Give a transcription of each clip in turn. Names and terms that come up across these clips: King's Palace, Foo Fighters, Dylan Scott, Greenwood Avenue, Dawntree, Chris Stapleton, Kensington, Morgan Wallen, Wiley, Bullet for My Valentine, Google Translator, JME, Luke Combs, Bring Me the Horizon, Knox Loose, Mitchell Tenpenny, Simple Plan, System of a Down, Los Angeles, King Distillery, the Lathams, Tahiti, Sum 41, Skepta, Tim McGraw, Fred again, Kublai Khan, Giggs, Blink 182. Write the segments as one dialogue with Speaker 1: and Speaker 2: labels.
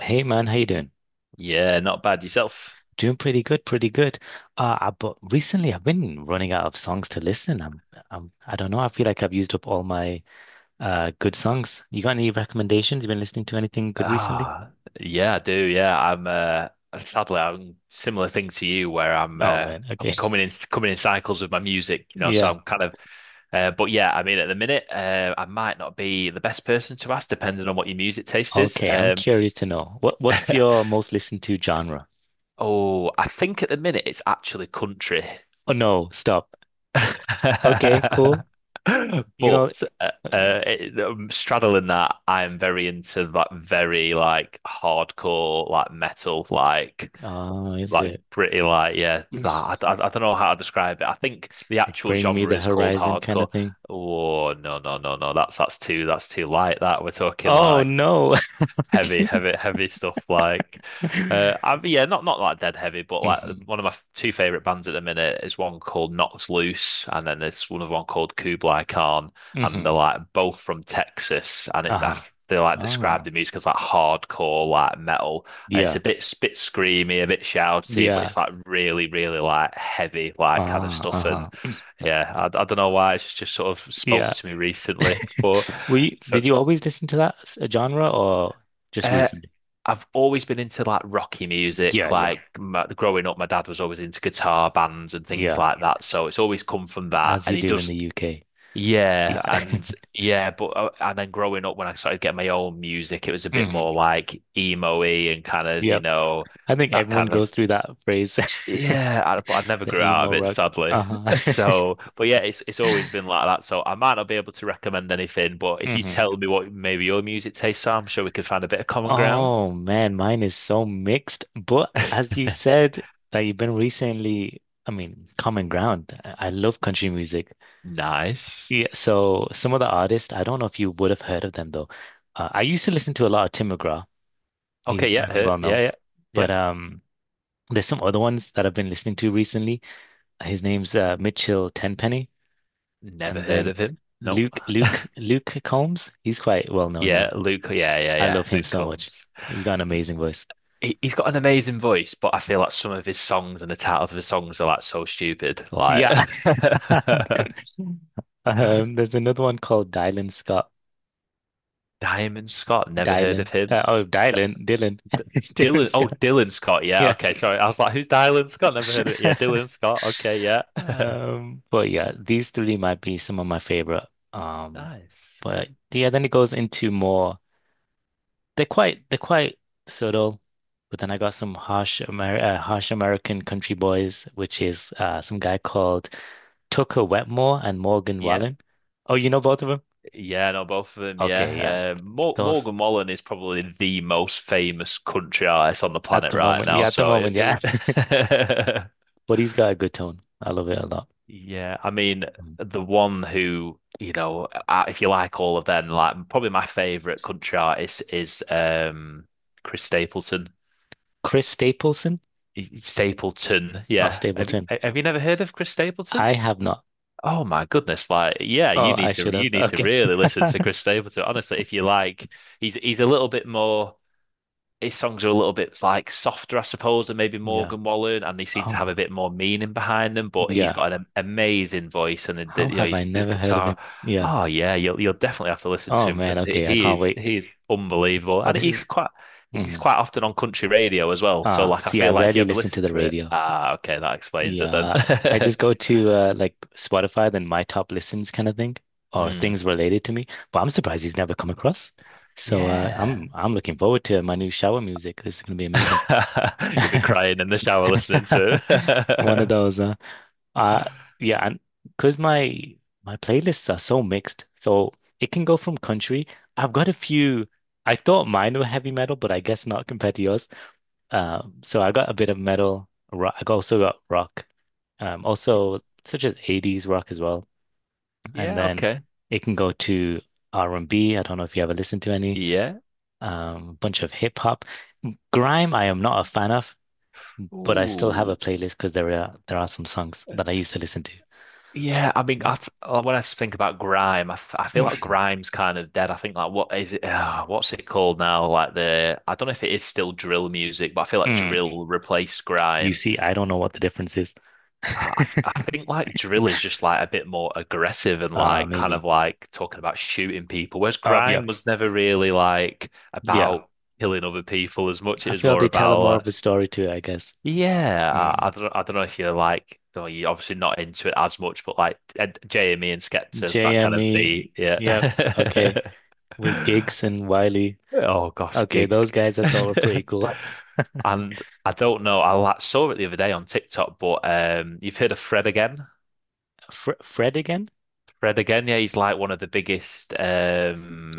Speaker 1: Hey man, how you doing?
Speaker 2: Yeah, not bad yourself.
Speaker 1: Doing pretty good, pretty good. But recently I've been running out of songs to listen. I don't know. I feel like I've used up all my good songs. You got any recommendations? You been listening to anything good recently?
Speaker 2: Ah, yeah, I do. Yeah, I'm. Sadly, I'm similar thing to you, where
Speaker 1: Oh man,
Speaker 2: I'm
Speaker 1: okay.
Speaker 2: coming in cycles with my music. So
Speaker 1: Yeah.
Speaker 2: I'm kind of. But yeah, I mean, at the minute, I might not be the best person to ask, depending on what your music taste is.
Speaker 1: Okay, I'm curious to know. What's your most listened to genre?
Speaker 2: Oh, I think at the minute it's actually country.
Speaker 1: Oh no, stop. Okay, cool. You know,
Speaker 2: But
Speaker 1: yeah.
Speaker 2: straddling that, I'm very into that very like hardcore like metal like
Speaker 1: Oh, is
Speaker 2: like
Speaker 1: it
Speaker 2: pretty like yeah. nah, I don't know how to describe it. I think the actual
Speaker 1: Bring Me
Speaker 2: genre
Speaker 1: the
Speaker 2: is called
Speaker 1: Horizon kind of
Speaker 2: hardcore.
Speaker 1: thing?
Speaker 2: Oh, no, no, no, no. That's too light. That we're talking
Speaker 1: Oh
Speaker 2: like
Speaker 1: no.
Speaker 2: heavy,
Speaker 1: Okay.
Speaker 2: heavy, heavy stuff. Like, uh, I, yeah, not like dead heavy, but like
Speaker 1: hmm
Speaker 2: one of my f- two favorite bands at the minute is one called Knox Loose, and then there's one called Kublai Khan, and
Speaker 1: hmm
Speaker 2: they're like both from Texas, and it. I,
Speaker 1: Uh-huh.
Speaker 2: They like describe
Speaker 1: Ah,
Speaker 2: the music as like hardcore, like metal, and it's
Speaker 1: yeah,
Speaker 2: a bit screamy, a bit shouty, but
Speaker 1: yeah.
Speaker 2: it's like really, really like heavy, like kind of
Speaker 1: Ah,
Speaker 2: stuff. And
Speaker 1: uh-huh.
Speaker 2: yeah, I don't know why it's just sort of
Speaker 1: Yeah.
Speaker 2: spoke to me recently, but
Speaker 1: Were you,
Speaker 2: so
Speaker 1: did you always listen to that genre or just
Speaker 2: uh,
Speaker 1: recently?
Speaker 2: I've always been into like rocky music.
Speaker 1: Yeah, yeah,
Speaker 2: Like my, growing up, my dad was always into guitar bands and things
Speaker 1: yeah.
Speaker 2: like that. So it's always come from that.
Speaker 1: As
Speaker 2: And
Speaker 1: you
Speaker 2: he
Speaker 1: do in
Speaker 2: does,
Speaker 1: the UK.
Speaker 2: yeah,
Speaker 1: Yeah.
Speaker 2: and yeah, but and then growing up, when I started getting my own music, it was a bit
Speaker 1: hmm
Speaker 2: more like emo-y and kind of, you
Speaker 1: Yep.
Speaker 2: know,
Speaker 1: I think
Speaker 2: that
Speaker 1: everyone
Speaker 2: kind of
Speaker 1: goes through that phase,
Speaker 2: yeah. But I never
Speaker 1: the
Speaker 2: grew out of
Speaker 1: emo
Speaker 2: it,
Speaker 1: rock.
Speaker 2: sadly.
Speaker 1: Uh-huh.
Speaker 2: So, but yeah, it's always been like that. So I might not be able to recommend anything, but if you tell
Speaker 1: hmm
Speaker 2: me what maybe your music tastes are, I'm sure we could find a bit of common ground.
Speaker 1: Oh man, mine is so mixed. But as you said that you've been recently, I mean, common ground. I love country music.
Speaker 2: Nice.
Speaker 1: Yeah, so some of the artists, I don't know if you would have heard of them though. I used to listen to a lot of Tim McGraw.
Speaker 2: Okay,
Speaker 1: He's
Speaker 2: yeah,
Speaker 1: pretty
Speaker 2: heard.
Speaker 1: well
Speaker 2: Yeah,
Speaker 1: known.
Speaker 2: yeah, yeah.
Speaker 1: But um, there's some other ones that I've been listening to recently. His name's Mitchell Tenpenny,
Speaker 2: Never
Speaker 1: and
Speaker 2: heard
Speaker 1: then
Speaker 2: of him. No.
Speaker 1: Luke Luke Luke Combs. He's quite well known
Speaker 2: Yeah,
Speaker 1: now.
Speaker 2: Luke. Yeah, yeah,
Speaker 1: I
Speaker 2: yeah.
Speaker 1: love him
Speaker 2: Luke
Speaker 1: so much.
Speaker 2: Combs.
Speaker 1: He's got an amazing voice.
Speaker 2: He's got an amazing voice, but I feel like some of his songs and the titles of his songs are like so stupid. Like
Speaker 1: Yeah. There's another one called Dylan Scott.
Speaker 2: Diamond Scott. Never heard of
Speaker 1: Dylan.
Speaker 2: him.
Speaker 1: Oh,
Speaker 2: D
Speaker 1: Dylan. Dylan.
Speaker 2: D
Speaker 1: Dylan
Speaker 2: Dylan. Oh,
Speaker 1: Scott.
Speaker 2: Dylan Scott. Yeah.
Speaker 1: Yeah.
Speaker 2: Okay. Sorry. I was like, who's Dylan Scott? Never heard of it. Yeah, Dylan Scott. Okay. Yeah.
Speaker 1: But yeah, these three might be some of my favorite. Um,
Speaker 2: Nice.
Speaker 1: but yeah, then it goes into more. They're quite subtle, but then I got some harsh Amer harsh American country boys, which is uh, some guy called Tucker Wetmore and Morgan
Speaker 2: Yep.
Speaker 1: Wallen. Oh, you know both of them?
Speaker 2: Yeah, no, both of them.
Speaker 1: Okay, yeah,
Speaker 2: Yeah, um, Mor
Speaker 1: those
Speaker 2: Morgan Wallen is probably the most famous country artist on the
Speaker 1: at
Speaker 2: planet
Speaker 1: the
Speaker 2: right
Speaker 1: moment,
Speaker 2: now.
Speaker 1: yeah, at the
Speaker 2: So it,
Speaker 1: moment,
Speaker 2: it
Speaker 1: yeah.
Speaker 2: would,
Speaker 1: But he's got a good tone. I love it a lot.
Speaker 2: yeah. I mean,
Speaker 1: Mm.
Speaker 2: the one who you know, if you like all of them, like probably my favorite country artist is Chris Stapleton.
Speaker 1: Chris Stapleton
Speaker 2: Stapleton,
Speaker 1: or
Speaker 2: yeah.
Speaker 1: Stapleton?
Speaker 2: Have you never heard of Chris Stapleton?
Speaker 1: I have not.
Speaker 2: Oh my goodness! Like, yeah,
Speaker 1: Oh, I should have.
Speaker 2: you need to
Speaker 1: Okay.
Speaker 2: really listen to Chris Stapleton. Honestly, if you like, he's a little bit more. His songs are a little bit like softer, I suppose, than maybe
Speaker 1: Yeah.
Speaker 2: Morgan Wallen, and they seem to have a
Speaker 1: Oh,
Speaker 2: bit more meaning behind them. But he's
Speaker 1: yeah.
Speaker 2: got an amazing voice, and
Speaker 1: How
Speaker 2: you know
Speaker 1: have I
Speaker 2: his the
Speaker 1: never heard of
Speaker 2: guitar.
Speaker 1: him? Yeah.
Speaker 2: Oh yeah, you'll definitely have to listen
Speaker 1: Oh
Speaker 2: to him
Speaker 1: man.
Speaker 2: because he
Speaker 1: Okay. I
Speaker 2: he
Speaker 1: can't
Speaker 2: is
Speaker 1: wait.
Speaker 2: he is unbelievable,
Speaker 1: Oh,
Speaker 2: and
Speaker 1: this is.
Speaker 2: he's quite
Speaker 1: Hmm
Speaker 2: often on country radio as well. So
Speaker 1: Ah,
Speaker 2: like, I
Speaker 1: see, I
Speaker 2: feel like if you
Speaker 1: rarely
Speaker 2: ever
Speaker 1: listen to
Speaker 2: listen
Speaker 1: the
Speaker 2: to it,
Speaker 1: radio.
Speaker 2: ah, okay, that explains it then.
Speaker 1: Yeah. I just go to like Spotify, then my top listens kind of thing, or
Speaker 2: Hmm.
Speaker 1: things related to me. But I'm surprised he's never come across. So uh,
Speaker 2: Yeah.
Speaker 1: I'm I'm looking forward to my new shower music. This is gonna be amazing.
Speaker 2: You'll be crying in the shower listening to
Speaker 1: One of
Speaker 2: it.
Speaker 1: those. Uh, yeah, and because my playlists are so mixed, so it can go from country. I've got a few. I thought mine were heavy metal, but I guess not compared to yours. So I got a bit of metal. Rock. I also got rock. Also such as 80s rock as well. And
Speaker 2: Yeah,
Speaker 1: then
Speaker 2: okay.
Speaker 1: it can go to r and B. I don't know if you ever listened to any.
Speaker 2: Yeah.
Speaker 1: Bunch of hip hop. Grime, I am not a fan of, but I still have a
Speaker 2: Ooh.
Speaker 1: playlist because there are some songs that I used to listen
Speaker 2: Yeah, I mean, I th when I think about grime, I feel
Speaker 1: to.
Speaker 2: like grime's kind of dead. I think, like, what is it? What's it called now? Like the I don't know if it is still drill music, but I feel like
Speaker 1: Hmm.
Speaker 2: drill replaced
Speaker 1: You
Speaker 2: grime.
Speaker 1: see, I don't know what the difference is.
Speaker 2: I think like drill is just like a bit more aggressive and like kind of
Speaker 1: Maybe.
Speaker 2: like talking about shooting people, whereas
Speaker 1: Yeah,
Speaker 2: grime was never really like
Speaker 1: yeah.
Speaker 2: about killing other people as much. It
Speaker 1: I
Speaker 2: was
Speaker 1: feel
Speaker 2: more
Speaker 1: they tell a
Speaker 2: about
Speaker 1: more
Speaker 2: like.
Speaker 1: of a story too, I guess.
Speaker 2: Yeah,
Speaker 1: Mm.
Speaker 2: I don't know if you're like, well, you're obviously not into it as much, but like Ed, Jamie and Skepta is that kind of the
Speaker 1: JME,
Speaker 2: yeah.
Speaker 1: yeah, okay. With Giggs and Wiley.
Speaker 2: Oh gosh,
Speaker 1: Okay,
Speaker 2: gig.
Speaker 1: those guys I thought were pretty cool.
Speaker 2: And I don't know. Saw it the other day on TikTok, but you've heard of Fred again?
Speaker 1: Fr Fred again?
Speaker 2: Fred again? Yeah, he's like one of the biggest.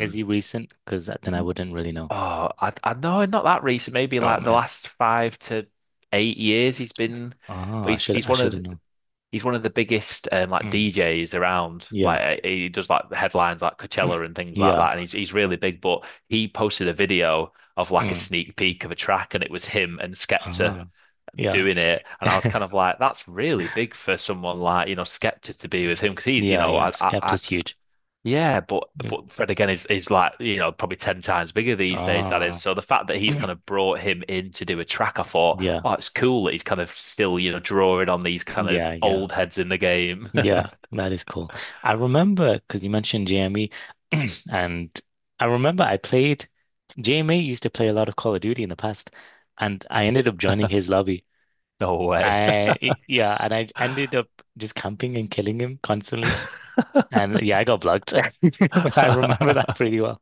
Speaker 1: Is he recent? Because then I wouldn't really know.
Speaker 2: Oh, I know, not that recent. Maybe
Speaker 1: Oh
Speaker 2: like the
Speaker 1: man.
Speaker 2: last 5 to 8 years, he's been.
Speaker 1: Ah,
Speaker 2: But
Speaker 1: I should I should have known.
Speaker 2: he's one of the biggest like
Speaker 1: Mm.
Speaker 2: DJs around.
Speaker 1: Yeah,
Speaker 2: He does like headlines like Coachella and things like
Speaker 1: yeah.
Speaker 2: that, and he's really big. But he posted a video of like a
Speaker 1: Mm.
Speaker 2: sneak peek of a track, and it was him and Skepta
Speaker 1: Ah, yeah.
Speaker 2: doing it. And I was kind of like, that's really big for someone like you know Skepta to be with him because he's you
Speaker 1: Yeah,
Speaker 2: know
Speaker 1: yeah.
Speaker 2: I
Speaker 1: Skepta's huge.
Speaker 2: yeah, but
Speaker 1: Yes.
Speaker 2: Fred again is like you know probably ten times bigger these days than him.
Speaker 1: Ah,
Speaker 2: So the fact that he's kind of brought him in to do a track, I thought,
Speaker 1: yeah,
Speaker 2: oh, it's cool that he's kind of still you know drawing on these kind of
Speaker 1: yeah, yeah.
Speaker 2: old heads in the game.
Speaker 1: Yeah, that is cool. I remember because you mentioned JME, and I remember I played JME used to play a lot of Call of Duty in the past, and I ended up joining his lobby.
Speaker 2: No way.
Speaker 1: Yeah, and I ended up just camping and killing him constantly. And yeah, I got blocked, but I remember that pretty well.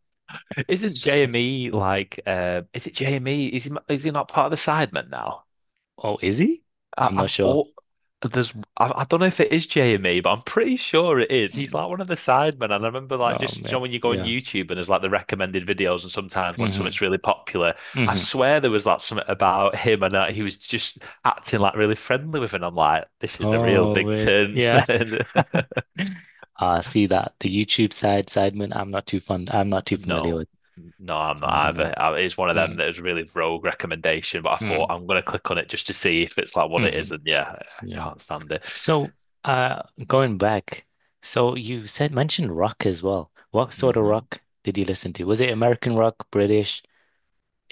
Speaker 2: Isn't JME like? Is it JME? Is he not part of the Sidemen now?
Speaker 1: Oh, is he?
Speaker 2: I,
Speaker 1: I'm
Speaker 2: I'm
Speaker 1: not sure.
Speaker 2: all there's I don't know if it is JME, but I'm pretty sure it is. He's
Speaker 1: Mm.
Speaker 2: like one of the sidemen, and I remember like
Speaker 1: Oh
Speaker 2: just you know,
Speaker 1: man,
Speaker 2: when you go on
Speaker 1: yeah.
Speaker 2: YouTube and there's like the recommended videos, and sometimes when
Speaker 1: hmm
Speaker 2: something's really popular, I
Speaker 1: hmm
Speaker 2: swear there was like something about him and he was just acting like really friendly with him. I'm like, this is a real
Speaker 1: Oh
Speaker 2: big
Speaker 1: wait,
Speaker 2: turn.
Speaker 1: yeah. See that the Sidemen, I'm not too fun. I'm not too familiar
Speaker 2: No,
Speaker 1: with,
Speaker 2: no, I'm
Speaker 1: so
Speaker 2: not
Speaker 1: I don't know.
Speaker 2: either. It's one of them
Speaker 1: Mm,
Speaker 2: that is really rogue recommendation, but I thought
Speaker 1: mm,
Speaker 2: I'm gonna click on it just to see if it's like what it
Speaker 1: hmm
Speaker 2: is, and yeah, I
Speaker 1: yeah.
Speaker 2: can't stand it.
Speaker 1: So, uh, going back, so you said mentioned rock as well. What sort of
Speaker 2: Mhm.
Speaker 1: rock did you listen to? Was it American rock, British?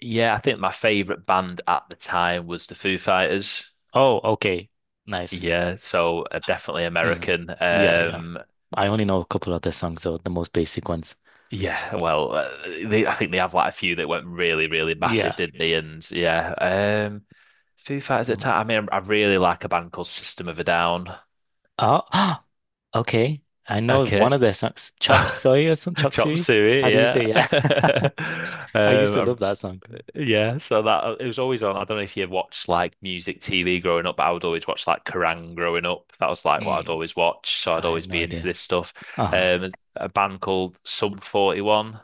Speaker 2: Yeah, I think my favorite band at the time was the Foo Fighters.
Speaker 1: Oh, okay, nice.
Speaker 2: Yeah, so definitely
Speaker 1: Hmm
Speaker 2: American.
Speaker 1: Yeah, yeah. I only know a couple other songs, though, the most basic ones.
Speaker 2: Yeah, well, I think they have like a few that went really, really massive,
Speaker 1: Yeah.
Speaker 2: didn't they? And yeah, um, Foo Fighters at the
Speaker 1: Mm.
Speaker 2: time. I mean, I really like a band called System of a Down.
Speaker 1: Oh, okay. I know
Speaker 2: Okay,
Speaker 1: one of their songs, Chop Suey or some Chop
Speaker 2: Chop
Speaker 1: Suey. How
Speaker 2: Suey.
Speaker 1: do you
Speaker 2: Yeah,
Speaker 1: say? Yeah. I used to love
Speaker 2: um,
Speaker 1: that song.
Speaker 2: yeah, so that it was always on. I don't know if you watched like music TV growing up, but I would always watch like Kerrang growing up. That was like what
Speaker 1: Hmm,
Speaker 2: I'd always watch, so I'd
Speaker 1: I have
Speaker 2: always
Speaker 1: no
Speaker 2: be into
Speaker 1: Idea.
Speaker 2: this stuff.
Speaker 1: Uh-huh.
Speaker 2: A band called Sum 41.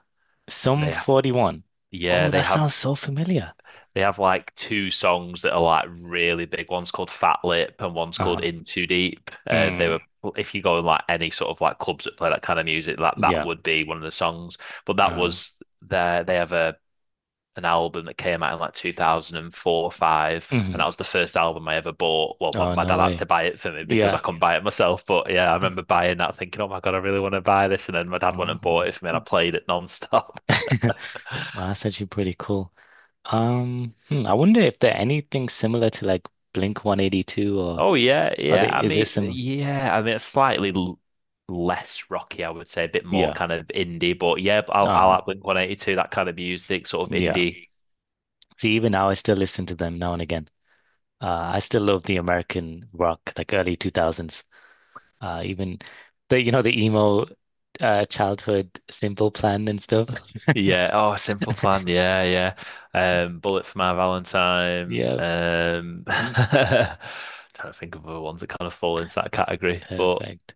Speaker 1: Some
Speaker 2: They ha-
Speaker 1: 41. Oh,
Speaker 2: yeah,
Speaker 1: yeah, that
Speaker 2: they have
Speaker 1: sounds so familiar.
Speaker 2: They have like two songs that are like really big. One's called Fat Lip and one's called
Speaker 1: Uh-huh.
Speaker 2: In Too Deep. They
Speaker 1: Mm,
Speaker 2: were, if you go in like any sort of like clubs that play that kind of music, that that
Speaker 1: yeah.
Speaker 2: would be one of the songs. But that
Speaker 1: Uh,
Speaker 2: was their, they have a an album that came out in like 2004 or 5, and that
Speaker 1: mhm.
Speaker 2: was the first album I ever bought. Well,
Speaker 1: Oh,
Speaker 2: my
Speaker 1: no
Speaker 2: dad had
Speaker 1: way.
Speaker 2: to buy it for me because
Speaker 1: Yeah.
Speaker 2: I couldn't buy it myself, but yeah, I
Speaker 1: Mm,
Speaker 2: remember buying that thinking, oh my God, I really want to buy this, and then my dad went
Speaker 1: oh.
Speaker 2: and bought it for me, and I played it non-stop.
Speaker 1: Wow, that's actually pretty cool. Hmm, I wonder if there anything similar to like Blink 182, or
Speaker 2: Oh yeah,
Speaker 1: are
Speaker 2: yeah,
Speaker 1: they,
Speaker 2: I
Speaker 1: is it
Speaker 2: mean,
Speaker 1: similar?
Speaker 2: yeah, I mean, it's slightly less rocky, I would say, a bit more
Speaker 1: Yeah.
Speaker 2: kind of indie, but yeah, I'll like
Speaker 1: Uh-huh.
Speaker 2: Blink 182, that kind of music, sort of
Speaker 1: Yeah.
Speaker 2: indie.
Speaker 1: See, even now I still listen to them now and again. I still love the American rock, like early 2000s. Even the you know the emo childhood simple plan and stuff.
Speaker 2: Yeah. Oh, Simple Plan. Yeah, yeah. Bullet for My Valentine.
Speaker 1: Yeah, mm,
Speaker 2: Trying to think of other ones that kind of fall into that category. But
Speaker 1: perfect.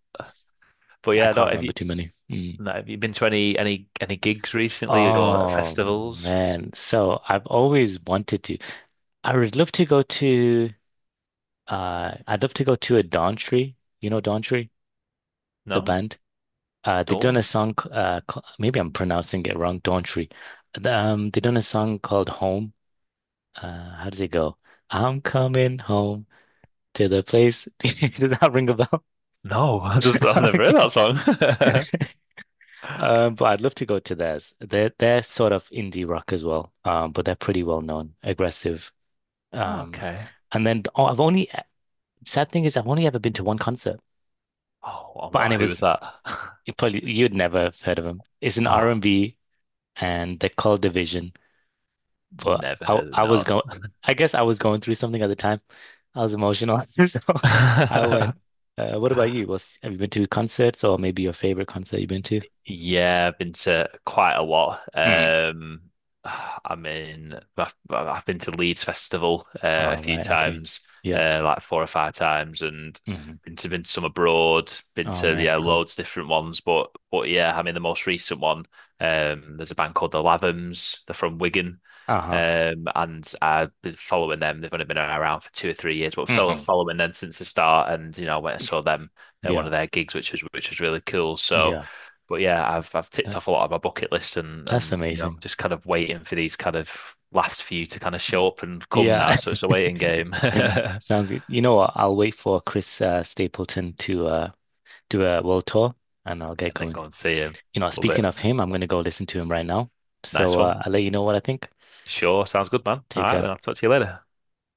Speaker 1: I
Speaker 2: yeah, no,
Speaker 1: can't remember too many. Mm.
Speaker 2: have you been to any any gigs recently or
Speaker 1: Oh
Speaker 2: festivals?
Speaker 1: man, so I've always wanted to. I would love to go to. I'd love to go to a Dawntree. You know Dawntree, the
Speaker 2: No,
Speaker 1: band. They've done a
Speaker 2: Dawn.
Speaker 1: song. Maybe I'm pronouncing it wrong. Dawntree. They've done a song called Home. How does it go? I'm coming home to the place. Does that ring a bell?
Speaker 2: No, I just I've never heard
Speaker 1: Okay.
Speaker 2: that song.
Speaker 1: But I'd love to go to theirs. They're sort of indie rock as well. But they're pretty well known, aggressive. Um,
Speaker 2: Okay.
Speaker 1: and then oh, I've only sad thing is I've only ever been to one concert.
Speaker 2: Oh, and
Speaker 1: But and
Speaker 2: what?
Speaker 1: it
Speaker 2: Who was
Speaker 1: was
Speaker 2: that?
Speaker 1: you probably you'd never have heard of them. It's an
Speaker 2: Oh,
Speaker 1: R&B and they're called Division. But
Speaker 2: never heard it.
Speaker 1: I was
Speaker 2: No.
Speaker 1: going I guess I was going through something at the time. I was emotional. So I went, what about you? What's, have you been to concerts or maybe your favorite concert you've been to?
Speaker 2: Yeah, I've been to quite a lot.
Speaker 1: Mm.
Speaker 2: I mean, I've been to Leeds Festival a
Speaker 1: All
Speaker 2: few
Speaker 1: right, okay,
Speaker 2: times,
Speaker 1: yeah.
Speaker 2: like 4 or 5 times, and
Speaker 1: hmm
Speaker 2: been to some abroad. Been
Speaker 1: Oh So
Speaker 2: to,
Speaker 1: man, you
Speaker 2: yeah,
Speaker 1: know, cool.
Speaker 2: loads of different ones, but yeah, I mean the most recent one. There's a band called the Lathams. They're from Wigan,
Speaker 1: Uh-huh.
Speaker 2: and I've been following them. They've only been around for 2 or 3 years, but
Speaker 1: hmm so
Speaker 2: following them since the start. And you know, I went and saw them at one
Speaker 1: Yeah.
Speaker 2: of their gigs, which was really cool. So
Speaker 1: Yeah.
Speaker 2: but yeah, I've ticked off a
Speaker 1: That's
Speaker 2: lot of my bucket list,
Speaker 1: that's
Speaker 2: and you know
Speaker 1: amazing.
Speaker 2: just kind of waiting for these kind of last few to kind of show up and come now.
Speaker 1: Yeah.
Speaker 2: So it's a waiting game, and
Speaker 1: Sounds good. You know what? I'll wait for Chris Stapleton to do a world tour and I'll get
Speaker 2: then
Speaker 1: going.
Speaker 2: go and see him.
Speaker 1: You know,
Speaker 2: Love
Speaker 1: speaking
Speaker 2: it.
Speaker 1: of him, I'm gonna go listen to him right now.
Speaker 2: Nice
Speaker 1: So
Speaker 2: one.
Speaker 1: awesome. I'll let you know what I think.
Speaker 2: Sure, sounds good, man. All
Speaker 1: Take
Speaker 2: right,
Speaker 1: care.
Speaker 2: then I'll talk to you later.